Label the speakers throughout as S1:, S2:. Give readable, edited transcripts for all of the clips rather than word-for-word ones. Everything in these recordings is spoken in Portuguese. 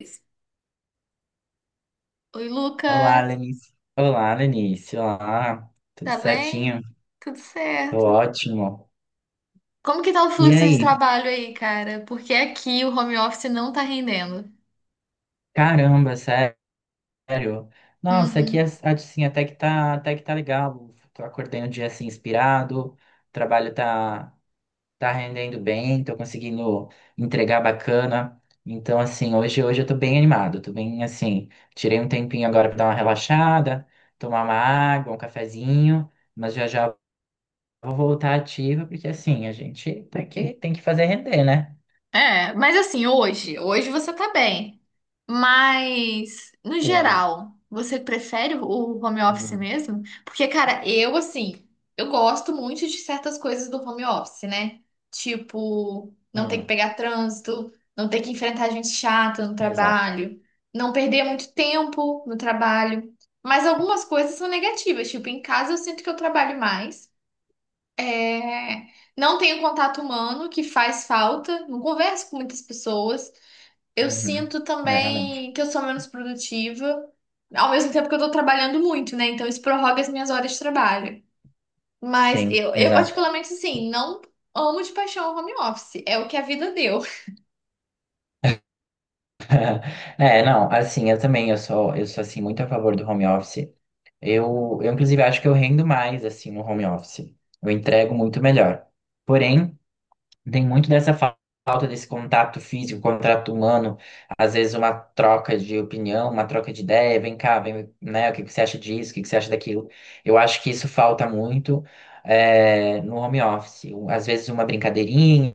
S1: Oi,
S2: Olá,
S1: Lucas,
S2: Lenice. Olá, Lenice. Olá, tudo
S1: tá bem?
S2: certinho?
S1: Tudo
S2: Tô
S1: certo.
S2: ótimo.
S1: Como que tá o
S2: E
S1: fluxo de
S2: aí?
S1: trabalho aí, cara? Porque aqui o home office não tá rendendo.
S2: Caramba, sério? Nossa, aqui
S1: Uhum.
S2: assim, até que tá legal. Tô acordei um dia assim inspirado, o trabalho tá rendendo bem, tô conseguindo entregar bacana. Então, assim, hoje eu tô bem animado, tô bem assim, tirei um tempinho agora pra dar uma relaxada, tomar uma água, um cafezinho, mas já já vou voltar ativa, porque assim, a gente tem que fazer render, né?
S1: É, mas assim, hoje você tá bem. Mas, no
S2: O...
S1: geral, você prefere o home office
S2: Hum,
S1: mesmo? Porque, cara, eu, assim, eu gosto muito de certas coisas do home office, né? Tipo, não ter que
S2: hum,
S1: pegar trânsito, não ter que enfrentar gente chata no
S2: exato.
S1: trabalho, não perder muito tempo no trabalho. Mas algumas coisas são negativas. Tipo, em casa eu sinto que eu trabalho mais. É, não tenho contato humano, que faz falta, não converso com muitas pessoas. Eu
S2: Uhum.
S1: sinto
S2: É, realmente.
S1: também que eu sou menos produtiva, ao mesmo tempo que eu tô trabalhando muito, né? Então isso prorroga as minhas horas de trabalho. Mas
S2: Sim,
S1: eu
S2: exato.
S1: particularmente, assim, não amo de paixão o home office, é o que a vida deu.
S2: É, não, assim, eu também, eu sou, assim, muito a favor do home office. Eu, inclusive, acho que eu rendo mais, assim, no home office. Eu entrego muito melhor. Porém, tem muito dessa falta desse contato físico, contato humano, às vezes uma troca de opinião, uma troca de ideia, vem cá, vem, né, o que que você acha disso, o que que você acha daquilo. Eu acho que isso falta muito, no home office. Às vezes uma brincadeirinha,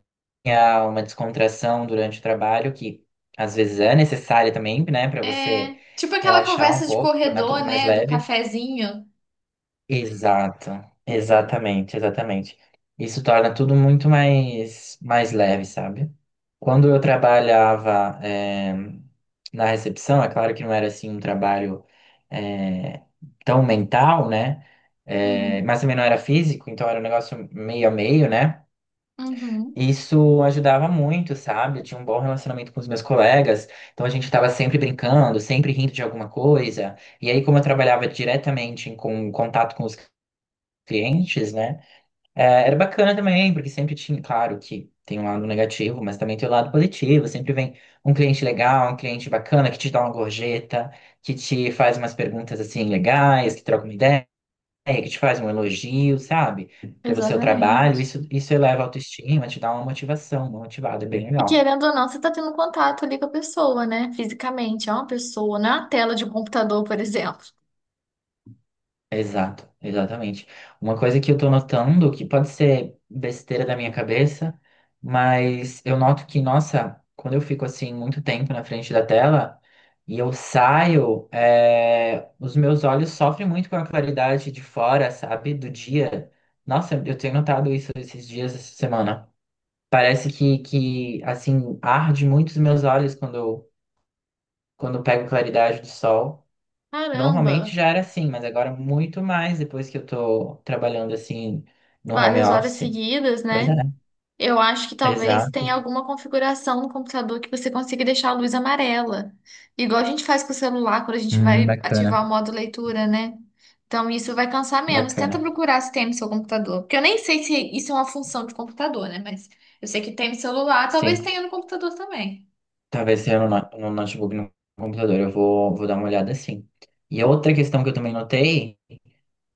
S2: uma descontração durante o trabalho, que às vezes é necessária também, né, para você
S1: É, tipo aquela
S2: relaxar um
S1: conversa de
S2: pouco, tornar tudo
S1: corredor,
S2: mais
S1: né? Do
S2: leve.
S1: cafezinho.
S2: Exato, exatamente, exatamente. Isso torna tudo muito mais leve, sabe? Quando eu trabalhava, na recepção, é claro que não era assim um trabalho, eh, tão mental, né? Eh,
S1: Uhum,
S2: mas também não era físico, então era um negócio meio a meio, né?
S1: uhum,
S2: Isso ajudava muito, sabe? Eu tinha um bom relacionamento com os meus colegas, então a gente estava sempre brincando, sempre rindo de alguma coisa. E aí, como eu trabalhava diretamente com contato com os clientes, né? É, era bacana também, porque sempre tinha, claro que tem um lado negativo, mas também tem o lado positivo. Sempre vem um cliente legal, um cliente bacana que te dá uma gorjeta, que te faz umas perguntas assim legais, que troca uma ideia, que te faz um elogio, sabe? Pelo seu trabalho.
S1: exatamente.
S2: Isso eleva a autoestima, te dá uma motivação, uma motivada, é bem
S1: E
S2: legal.
S1: querendo ou não, você tá tendo contato ali com a pessoa, né? Fisicamente, é uma pessoa, não é uma tela de um computador, por exemplo.
S2: Exato, exatamente. Uma coisa que eu tô notando, que pode ser besteira da minha cabeça, mas eu noto que, nossa, quando eu fico assim muito tempo na frente da tela e eu saio, é, os meus olhos sofrem muito com a claridade de fora, sabe, do dia. Nossa, eu tenho notado isso esses dias, essa semana. Parece que, assim, arde muito os meus olhos quando eu pego claridade do sol. Normalmente
S1: Caramba,
S2: já era assim, mas agora é muito mais depois que eu tô trabalhando assim no home
S1: várias horas
S2: office.
S1: seguidas,
S2: Pois é.
S1: né? Eu acho que talvez
S2: Exato.
S1: tenha alguma configuração no computador que você consiga deixar a luz amarela. Igual a gente faz com o celular quando a gente vai
S2: Bacana.
S1: ativar o modo leitura, né? Então isso vai cansar menos. Tenta
S2: Bacana.
S1: procurar se tem no seu computador. Porque eu nem sei se isso é uma função de computador, né? Mas eu sei que tem no celular,
S2: Sim.
S1: talvez tenha no computador também.
S2: Talvez seja no, no notebook, no computador. Eu vou dar uma olhada assim. E a outra questão que eu também notei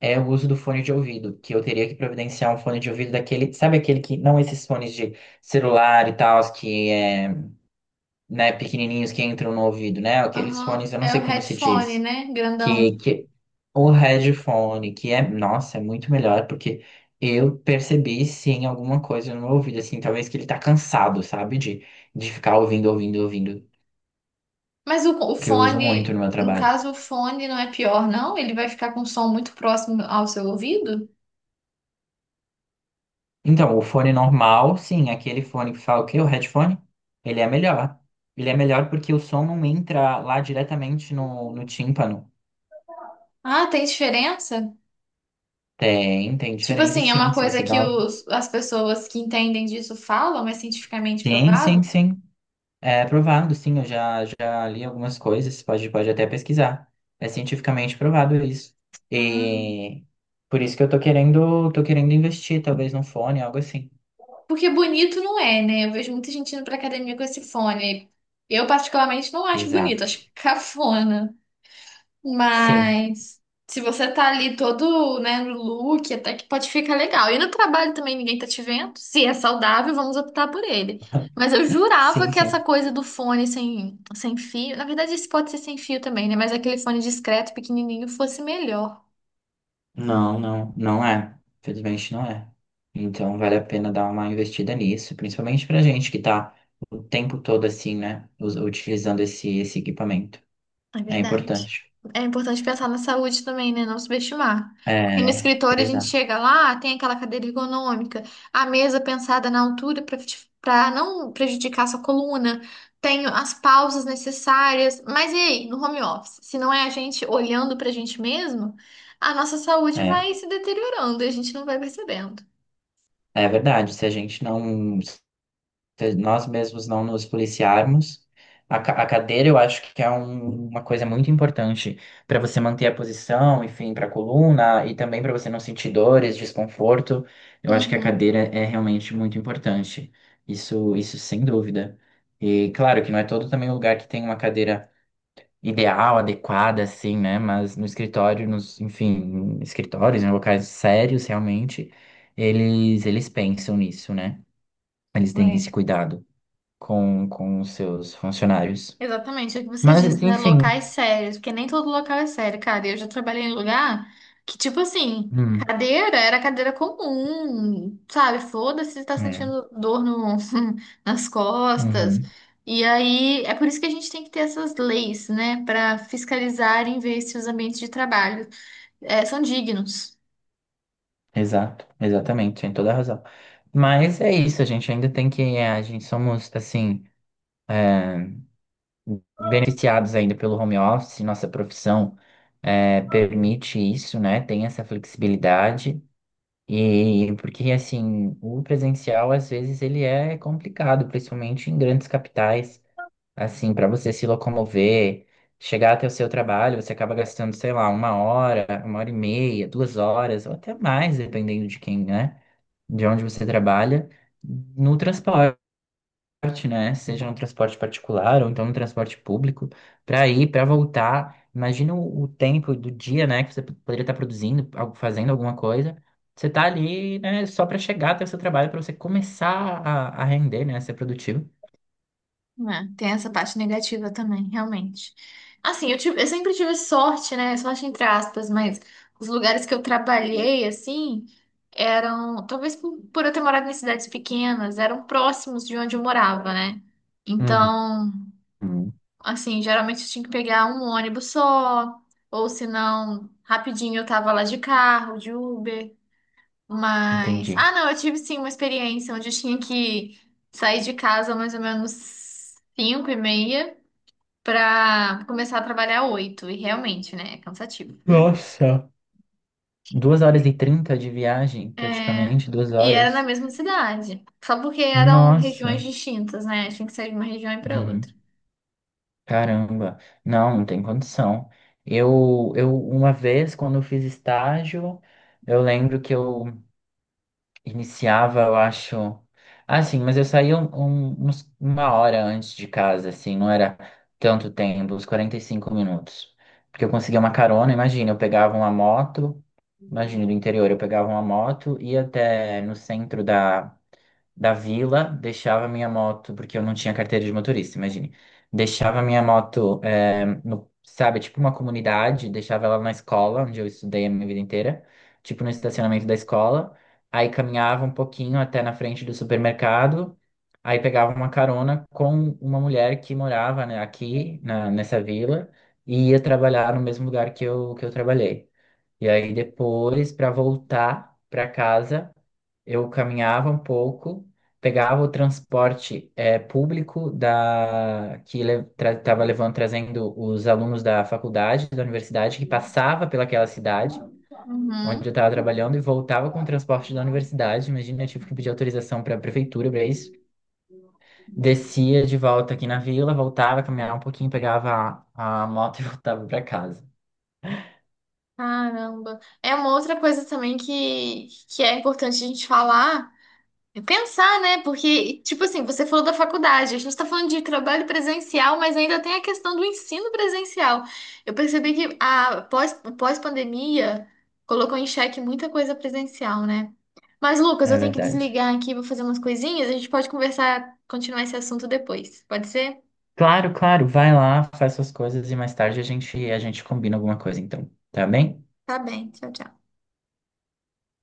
S2: é o uso do fone de ouvido, que eu teria que providenciar um fone de ouvido daquele, sabe aquele que, não esses fones de celular e tal, que é, né, pequenininhos que entram no ouvido, né? Aqueles
S1: Aham.
S2: fones, eu não
S1: É o
S2: sei como se
S1: headphone,
S2: diz.
S1: né? Grandão.
S2: Que o headphone, que é, nossa, é muito melhor, porque eu percebi sim alguma coisa no meu ouvido, assim, talvez que ele tá cansado, sabe, de ficar ouvindo, ouvindo, ouvindo,
S1: Mas o
S2: que eu uso muito
S1: fone,
S2: no meu
S1: no
S2: trabalho.
S1: caso, o fone não é pior, não? Ele vai ficar com um som muito próximo ao seu ouvido?
S2: Então, o fone normal, sim, aquele fone que fala o quê? O headphone, ele é melhor. Ele é melhor porque o som não entra lá diretamente no, no tímpano.
S1: Ah, tem diferença?
S2: Tem
S1: Tipo
S2: diferença,
S1: assim, é
S2: sim,
S1: uma
S2: se
S1: coisa
S2: você
S1: que
S2: dá uma...
S1: as pessoas que entendem disso falam, é cientificamente
S2: Sim, sim,
S1: provado?
S2: sim. É provado, sim, eu já li algumas coisas, pode até pesquisar. É cientificamente provado isso.
S1: Ah.
S2: E por isso que eu tô querendo investir, talvez num fone, algo assim.
S1: Porque bonito não é, né? Eu vejo muita gente indo pra academia com esse fone. Eu, particularmente, não acho bonito,
S2: Exato.
S1: acho cafona.
S2: Sim,
S1: Mas se você tá ali todo, né, no look, até que pode ficar legal. E no trabalho também ninguém tá te vendo. Se é saudável, vamos optar por ele. Mas eu jurava
S2: sim,
S1: que
S2: sim.
S1: essa coisa do fone sem fio, na verdade esse pode ser sem fio também, né? Mas aquele fone discreto, pequenininho, fosse melhor.
S2: Não, não, não é. Felizmente não é. Então vale a pena dar uma investida nisso, principalmente pra gente que tá o tempo todo assim, né, utilizando esse equipamento.
S1: É
S2: É
S1: verdade.
S2: importante.
S1: É importante pensar na saúde também, né? Não subestimar. Porque no
S2: É,
S1: escritório a gente
S2: exato.
S1: chega lá, tem aquela cadeira ergonômica, a mesa pensada na altura para não prejudicar sua coluna, tem as pausas necessárias. Mas e aí, no home office? Se não é a gente olhando para a gente mesmo, a nossa saúde
S2: É,
S1: vai se deteriorando e a gente não vai percebendo.
S2: é verdade. Se nós mesmos não nos policiarmos. A cadeira eu acho que é uma coisa muito importante para você manter a posição, enfim, para a coluna e também para você não sentir dores, desconforto. Eu acho que a
S1: Uhum.
S2: cadeira é realmente muito importante. Isso sem dúvida. E claro que não é todo também o lugar que tem uma cadeira ideal, adequada, assim, né? Mas no escritório, nos, enfim, escritórios, em locais sérios, realmente, eles pensam nisso, né? Eles têm
S1: É.
S2: esse cuidado com os seus funcionários.
S1: Exatamente, é o que você
S2: Mas,
S1: disse, né?
S2: enfim.
S1: Locais sérios, porque nem todo local é sério, cara. Eu já trabalhei em lugar que, tipo assim,
S2: Hum,
S1: cadeira era cadeira comum, sabe? Foda-se se tá
S2: é,
S1: sentindo dor no, nas costas.
S2: uhum,
S1: E aí, é por isso que a gente tem que ter essas leis, né? Pra fiscalizar e ver se os ambientes de trabalho eh, são dignos.
S2: exato, exatamente, tem toda a razão. Mas é isso, a gente ainda tem que. A gente somos, assim, beneficiados ainda pelo home office, nossa profissão é, permite isso, né? Tem essa flexibilidade. E porque, assim, o presencial, às vezes, ele é complicado, principalmente em grandes capitais. Assim, para você se locomover, chegar até o seu trabalho, você acaba gastando, sei lá, uma hora e meia, 2 horas, ou até mais, dependendo de quem, né? De onde você trabalha, no transporte, né? Seja no transporte particular ou então no transporte público, para ir, para voltar. Imagina o tempo do dia, né? Que você poderia estar produzindo, fazendo alguma coisa. Você tá ali, né, só para chegar até o seu trabalho, para você começar a render, né, a ser produtivo.
S1: É, tem essa parte negativa também, realmente. Assim, eu sempre tive sorte, né? Sorte entre aspas, mas os lugares que eu trabalhei, assim, eram, talvez por eu ter morado em cidades pequenas, eram próximos de onde eu morava, né? Então,
S2: Uhum.
S1: assim, geralmente eu tinha que pegar um ônibus só, ou se não, rapidinho eu tava lá de carro, de Uber. Mas,
S2: Entendi.
S1: ah, não, eu tive sim uma experiência onde eu tinha que sair de casa mais ou menos 5:30 pra começar a trabalhar 8h. E realmente, né? É cansativo.
S2: Nossa, 2h30 de viagem,
S1: É,
S2: praticamente, duas
S1: e era na
S2: horas.
S1: mesma cidade. Só porque eram
S2: Nossa,
S1: regiões distintas, né? Tinha que sair de uma região e pra outra.
S2: uhum. Caramba, não, não tem condição. Eu, uma vez, quando eu fiz estágio, eu lembro que eu iniciava, eu acho. Ah, sim, mas eu saía uma hora antes de casa, assim, não era tanto tempo, uns 45 minutos. Porque eu conseguia uma carona, imagina, eu pegava uma moto, imagina, do interior, eu pegava uma moto, ia até no centro da vila, deixava minha moto, porque eu não tinha carteira de motorista, imagine. Deixava minha moto, é, no, sabe, tipo uma comunidade, deixava ela na escola, onde eu estudei a minha vida inteira, tipo no estacionamento da escola. Aí caminhava um pouquinho até na frente do supermercado, aí pegava uma carona com uma mulher que morava, né, aqui nessa vila e ia trabalhar no mesmo lugar que eu trabalhei. E aí depois, para voltar para casa, eu caminhava um pouco, pegava o transporte público da que estava levando, trazendo os alunos da faculdade, da universidade, que passava pelaquela cidade onde eu
S1: Uhum.
S2: estava trabalhando e voltava com o transporte da universidade. Imagina, eu tive que pedir autorização para a prefeitura para isso. Descia de volta aqui na vila, voltava, caminhava um pouquinho, pegava a moto e voltava para casa.
S1: Caramba. É uma outra coisa também que é importante a gente falar. Pensar, né? Porque, tipo assim, você falou da faculdade, a gente tá falando de trabalho presencial, mas ainda tem a questão do ensino presencial. Eu percebi que a pós-pandemia colocou em xeque muita coisa presencial, né? Mas, Lucas,
S2: É
S1: eu tenho que
S2: verdade.
S1: desligar aqui, vou fazer umas coisinhas, a gente pode conversar, continuar esse assunto depois. Pode ser?
S2: Claro, claro, vai lá, faz suas coisas e mais tarde a gente combina alguma coisa, então. Tá bem?
S1: Tá bem, tchau, tchau.